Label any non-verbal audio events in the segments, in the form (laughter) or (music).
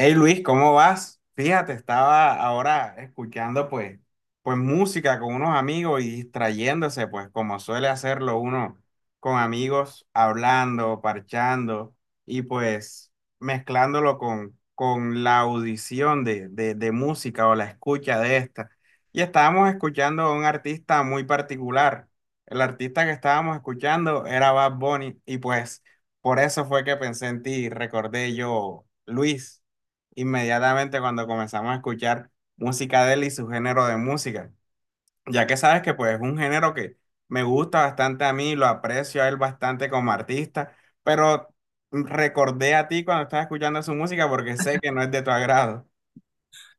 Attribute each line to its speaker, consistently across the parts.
Speaker 1: Hey Luis, ¿cómo vas? Fíjate, estaba ahora escuchando pues música con unos amigos y distrayéndose, pues como suele hacerlo uno con amigos, hablando, parchando y pues mezclándolo con la audición de música o la escucha de esta. Y estábamos escuchando a un artista muy particular. El artista que estábamos escuchando era Bad Bunny y pues por eso fue que pensé en ti, recordé yo, Luis, inmediatamente cuando comenzamos a escuchar música de él y su género de música, ya que sabes que pues es un género que me gusta bastante a mí, lo aprecio a él bastante como artista, pero recordé a ti cuando estaba escuchando su música porque sé que no es de tu agrado.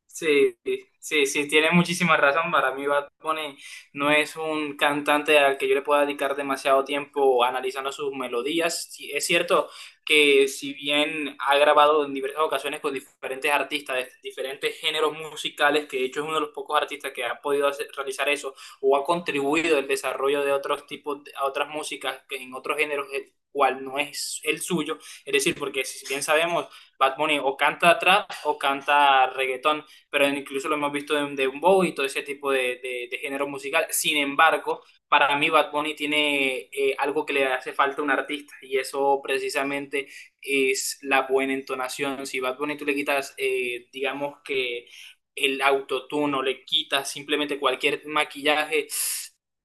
Speaker 2: Sí, sí, sí, tiene muchísima razón. Para mí, Bad Bunny no es un cantante al que yo le pueda dedicar demasiado tiempo analizando sus melodías. Sí, es cierto que si bien ha grabado en diversas ocasiones con diferentes artistas de diferentes géneros musicales, que de hecho es uno de los pocos artistas que ha podido realizar eso o ha contribuido al desarrollo de otros tipos, a otras músicas que en otros géneros, el cual no es el suyo. Es decir, porque si bien sabemos... Bad Bunny o canta trap o canta reggaetón, pero incluso lo hemos visto en de un bow y todo ese tipo de, de, género musical. Sin embargo, para mí Bad Bunny tiene algo que le hace falta a un artista y eso precisamente es la buena entonación. Si Bad Bunny tú le quitas, digamos que el autotuno, le quitas simplemente cualquier maquillaje,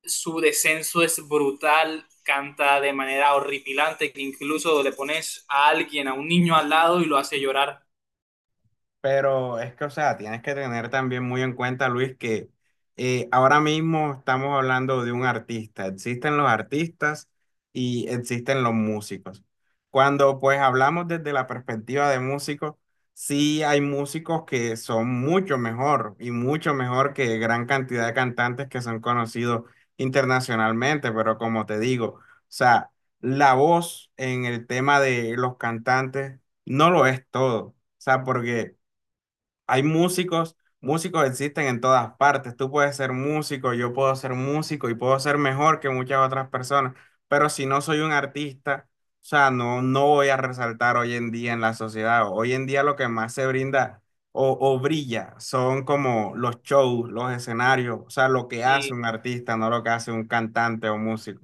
Speaker 2: su descenso es brutal, canta de manera horripilante, que incluso le pones a alguien, a un niño al lado y lo hace llorar.
Speaker 1: Pero es que, o sea, tienes que tener también muy en cuenta, Luis, que ahora mismo estamos hablando de un artista. Existen los artistas y existen los músicos. Cuando pues hablamos desde la perspectiva de músicos, sí hay músicos que son mucho mejor y mucho mejor que gran cantidad de cantantes que son conocidos internacionalmente, pero como te digo, o sea, la voz en el tema de los cantantes no lo es todo. O sea, porque hay músicos, músicos existen en todas partes. Tú puedes ser músico, yo puedo ser músico y puedo ser mejor que muchas otras personas, pero si no soy un artista, o sea, no, no voy a resaltar hoy en día en la sociedad. Hoy en día lo que más se brinda o brilla son como los shows, los escenarios, o sea, lo que hace
Speaker 2: Sí,
Speaker 1: un artista, no lo que hace un cantante o músico.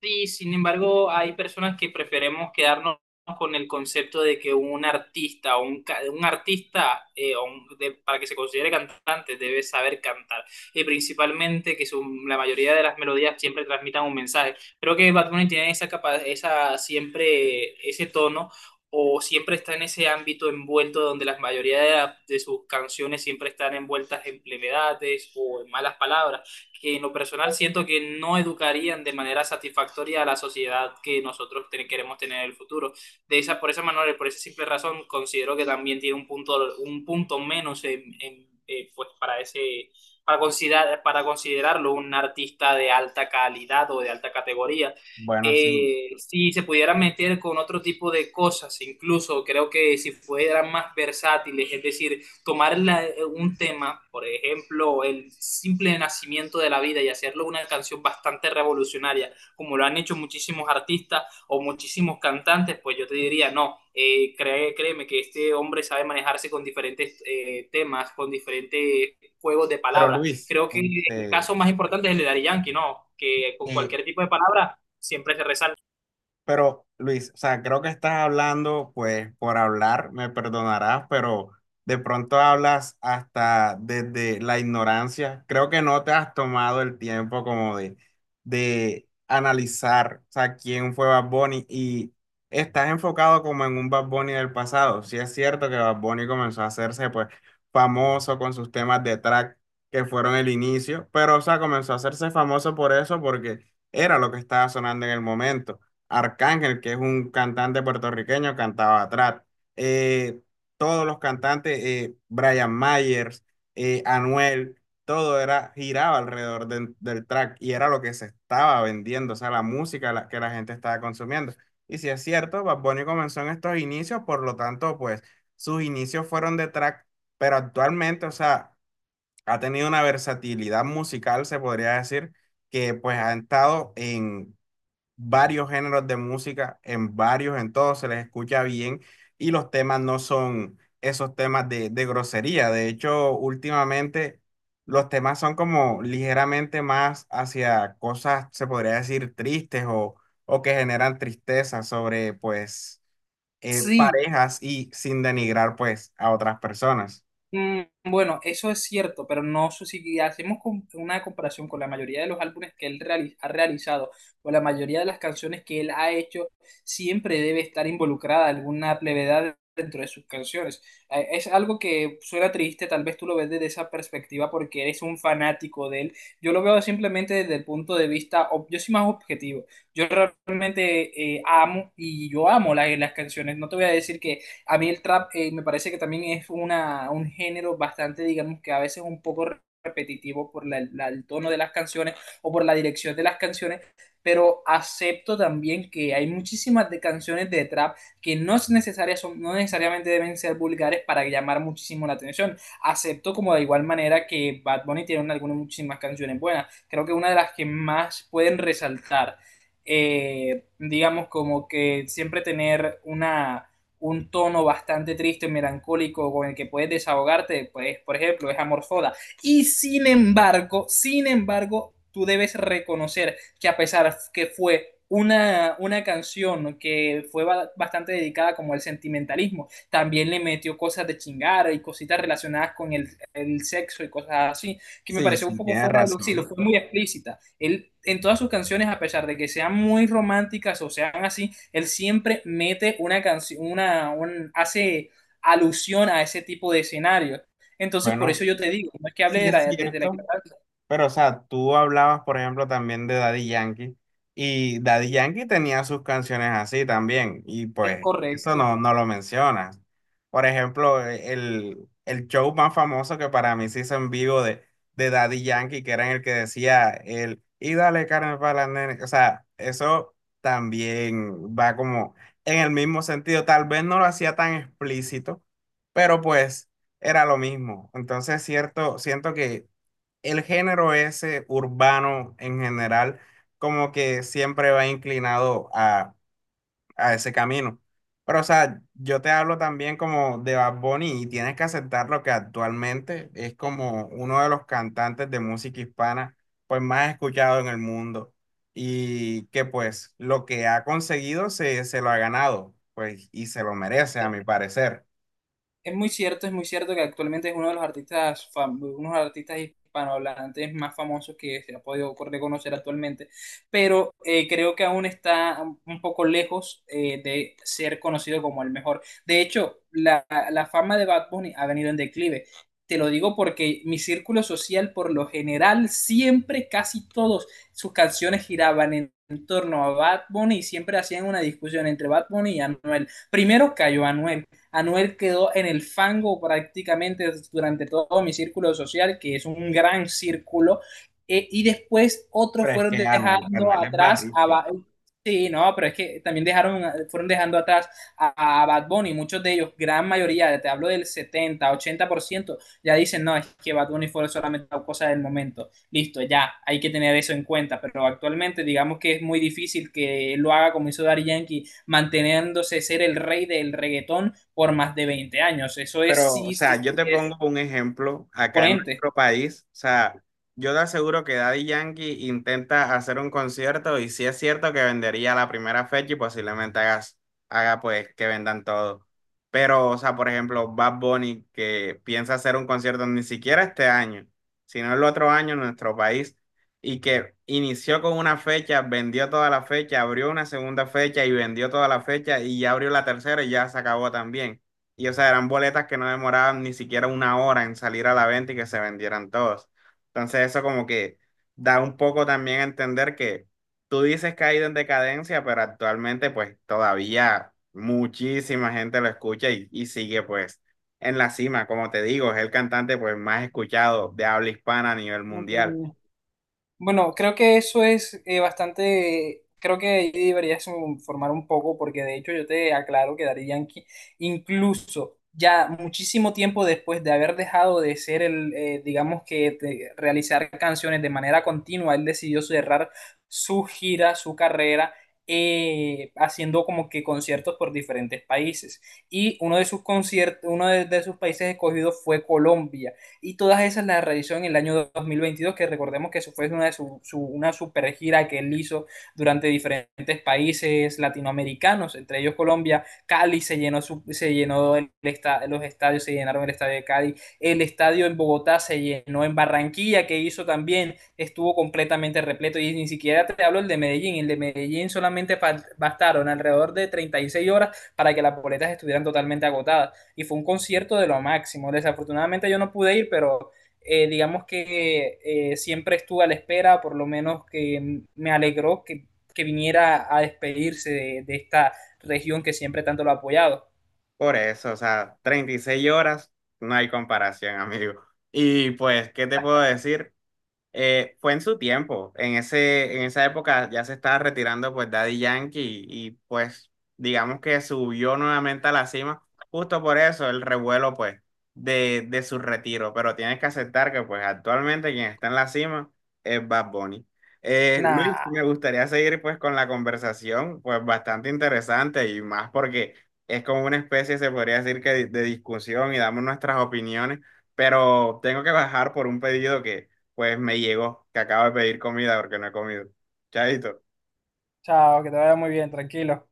Speaker 2: sí, sin embargo, hay personas que preferimos quedarnos con el concepto de que un artista o un artista para que se considere cantante debe saber cantar y principalmente que la mayoría de las melodías siempre transmitan un mensaje. Creo que Bad Bunny tiene esa siempre ese tono o siempre está en ese ámbito envuelto donde la mayoría de, de sus canciones siempre están envueltas en plevedades o en malas palabras que en lo personal siento que no educarían de manera satisfactoria a la sociedad que queremos tener en el futuro. Por esa manera, por esa simple razón, considero que también tiene un punto menos pues para considerarlo un artista de alta calidad o de alta categoría.
Speaker 1: Bueno, sí.
Speaker 2: Si se pudieran meter con otro tipo de cosas, incluso creo que si fueran más versátiles, es decir, tomar un tema, por ejemplo, el simple nacimiento de la vida y hacerlo una canción bastante revolucionaria, como lo han hecho muchísimos artistas o muchísimos cantantes, pues yo te diría, no, créeme que este hombre sabe manejarse con diferentes temas, con diferentes juegos de
Speaker 1: pero
Speaker 2: palabras.
Speaker 1: Luis,
Speaker 2: Creo que el
Speaker 1: este,
Speaker 2: caso más importante es el de Daddy Yankee, ¿no? Que con
Speaker 1: eh,
Speaker 2: cualquier tipo de palabra siempre se resalta.
Speaker 1: Pero Luis, o sea, creo que estás hablando, pues por hablar, me perdonarás, pero de pronto hablas hasta desde la ignorancia. Creo que no te has tomado el tiempo como de analizar, o sea, quién fue Bad Bunny y estás enfocado como en un Bad Bunny del pasado. Sí es cierto que Bad Bunny comenzó a hacerse pues famoso con sus temas de track que fueron el inicio, pero o sea, comenzó a hacerse famoso por eso porque era lo que estaba sonando en el momento. Arcángel, que es un cantante puertorriqueño, cantaba trap. Eh, todos los cantantes, Brian Myers, Anuel, todo era, giraba alrededor del track y era lo que se estaba vendiendo, o sea, la música que la gente estaba consumiendo. Y si es cierto, Bad Bunny comenzó en estos inicios, por lo tanto, pues sus inicios fueron de track, pero actualmente, o sea, ha tenido una versatilidad musical, se podría decir, que pues ha estado en varios géneros de música, en varios, en todos se les escucha bien y los temas no son esos temas de grosería. De hecho, últimamente los temas son como ligeramente más hacia cosas, se podría decir, tristes o que generan tristeza sobre, pues,
Speaker 2: Sí.
Speaker 1: parejas y sin denigrar, pues, a otras personas.
Speaker 2: Mm. Bueno, eso es cierto, pero no sé si hacemos una comparación con la mayoría de los álbumes que ha realizado o la mayoría de las canciones que él ha hecho, siempre debe estar involucrada alguna plevedad dentro de sus canciones. Es algo que suena triste, tal vez tú lo ves desde esa perspectiva porque eres un fanático de él. Yo lo veo simplemente desde el punto de vista, yo soy más objetivo. Yo realmente amo y yo amo las canciones. No te voy a decir que a mí el trap me parece que también es un género bastante, digamos que a veces un poco repetitivo por el tono de las canciones o por la dirección de las canciones, pero acepto también que hay muchísimas de canciones de trap que no es necesaria, son, no necesariamente deben ser vulgares para llamar muchísimo la atención. Acepto como de igual manera que Bad Bunny tiene algunas muchísimas canciones buenas. Creo que una de las que más pueden resaltar, digamos como que siempre tener una un tono bastante triste, melancólico, con el que puedes desahogarte, pues, por ejemplo, es Amor Soda. Y sin embargo, tú debes reconocer que a pesar que fue una canción que fue bastante dedicada como al sentimentalismo, también le metió cosas de chingar y cositas relacionadas con el sexo y cosas así, que me
Speaker 1: Sí,
Speaker 2: pareció un
Speaker 1: sí,
Speaker 2: poco
Speaker 1: tienes
Speaker 2: fuera de lo sí, lo
Speaker 1: razón.
Speaker 2: fue muy explícita. Él en todas sus canciones, a pesar de que sean muy románticas o sean así, él siempre mete una canción, hace alusión a ese tipo de escenario. Entonces, por eso
Speaker 1: Bueno,
Speaker 2: yo te digo, no es que hable
Speaker 1: sí es
Speaker 2: desde la
Speaker 1: cierto.
Speaker 2: ignorancia,
Speaker 1: Pero, o sea, tú hablabas, por ejemplo, también de Daddy Yankee, y Daddy Yankee tenía sus canciones así también, y
Speaker 2: es
Speaker 1: pues eso no,
Speaker 2: correcto.
Speaker 1: no lo mencionas. Por ejemplo, el show más famoso que para mí se hizo en vivo de Daddy Yankee, que era en el que decía el, y dale carne para la nena, o sea, eso también va como en el mismo sentido, tal vez no lo hacía tan explícito, pero pues era lo mismo. Entonces, cierto, siento que el género ese urbano en general, como que siempre va inclinado a ese camino. Pero, o sea, yo te hablo también como de Bad Bunny y tienes que aceptar lo que actualmente es como uno de los cantantes de música hispana, pues más escuchado en el mundo y que pues lo que ha conseguido se lo ha ganado, pues y se lo merece a mi parecer.
Speaker 2: Es muy cierto que actualmente es uno de los artistas, unos artistas hispanohablantes más famosos que se ha podido reconocer actualmente, pero creo que aún está un poco lejos de ser conocido como el mejor. De hecho, la fama de Bad Bunny ha venido en declive. Te lo digo porque mi círculo social, por lo general, siempre, casi todos, sus canciones giraban en torno a Bad Bunny y siempre hacían una discusión entre Bad Bunny y Anuel. Primero cayó Anuel. Anuel quedó en el fango prácticamente durante todo mi círculo social, que es un gran círculo, y después otros
Speaker 1: Pero es
Speaker 2: fueron
Speaker 1: que Anuel,
Speaker 2: dejando
Speaker 1: Anuel es
Speaker 2: atrás
Speaker 1: barril.
Speaker 2: a... Sí, no, pero es que también dejaron, fueron dejando atrás a Bad Bunny, muchos de ellos, gran mayoría, te hablo del 70, 80%, ya dicen, no, es que Bad Bunny fue solamente una cosa del momento. Listo, ya, hay que tener eso en cuenta, pero actualmente digamos que es muy difícil que lo haga como hizo Daddy Yankee manteniéndose ser el rey del reggaetón por más de 20 años. Eso es,
Speaker 1: Pero, o
Speaker 2: sí, sí,
Speaker 1: sea, yo
Speaker 2: sí,
Speaker 1: te
Speaker 2: es
Speaker 1: pongo un ejemplo acá en
Speaker 2: imponente.
Speaker 1: nuestro país. O sea, yo te aseguro que Daddy Yankee intenta hacer un concierto y sí es cierto que vendería la primera fecha y posiblemente haga pues que vendan todo. Pero, o sea, por ejemplo, Bad Bunny que piensa hacer un concierto ni siquiera este año, sino el otro año en nuestro país y que inició con una fecha, vendió toda la fecha, abrió una segunda fecha y vendió toda la fecha y ya abrió la tercera y ya se acabó también. Y o sea, eran boletas que no demoraban ni siquiera una hora en salir a la venta y que se vendieran todos. Entonces eso como que da un poco también a entender que tú dices que ha ido en decadencia, pero actualmente pues todavía muchísima gente lo escucha y sigue pues en la cima. Como te digo, es el cantante pues más escuchado de habla hispana a nivel mundial.
Speaker 2: Mm. Bueno, creo que eso es bastante, creo que ahí deberías informar un poco porque de hecho yo te aclaro que Daddy Yankee, incluso ya muchísimo tiempo después de haber dejado de ser digamos que de realizar canciones de manera continua, él decidió cerrar su gira, su carrera, haciendo como que conciertos por diferentes países. Y uno de sus conciertos, uno de sus países escogidos fue Colombia y todas esas las realizó en el año 2022, que recordemos que eso fue una, de su, su, una super gira que él hizo durante diferentes países latinoamericanos, entre ellos Colombia. Cali se llenó, su, se llenó el esta, los estadios, se llenaron el estadio de Cali, el estadio en Bogotá se llenó, en Barranquilla, que hizo también, estuvo completamente repleto, y ni siquiera te hablo el de Medellín solamente bastaron alrededor de 36 horas para que las boletas estuvieran totalmente agotadas y fue un concierto de lo máximo. Desafortunadamente yo no pude ir, pero digamos que siempre estuve a la espera, por lo menos que me alegró que viniera a despedirse de, esta región que siempre tanto lo ha apoyado.
Speaker 1: Por eso, o sea, 36 horas, no hay comparación, (laughs) amigo. Y pues, ¿qué te puedo decir? Fue en su tiempo, en esa época ya se estaba retirando pues Daddy Yankee y, pues digamos que subió nuevamente a la cima, justo por eso el revuelo pues de su retiro, pero tienes que aceptar que pues actualmente quien está en la cima es Bad Bunny. Luis,
Speaker 2: Nah,
Speaker 1: me gustaría seguir pues con la conversación, pues bastante interesante y más porque es como una especie, se podría decir que de discusión y damos nuestras opiniones, pero tengo que bajar por un pedido que pues me llegó que acabo de pedir comida porque no he comido. Chaito.
Speaker 2: chao, que te vaya muy bien, tranquilo.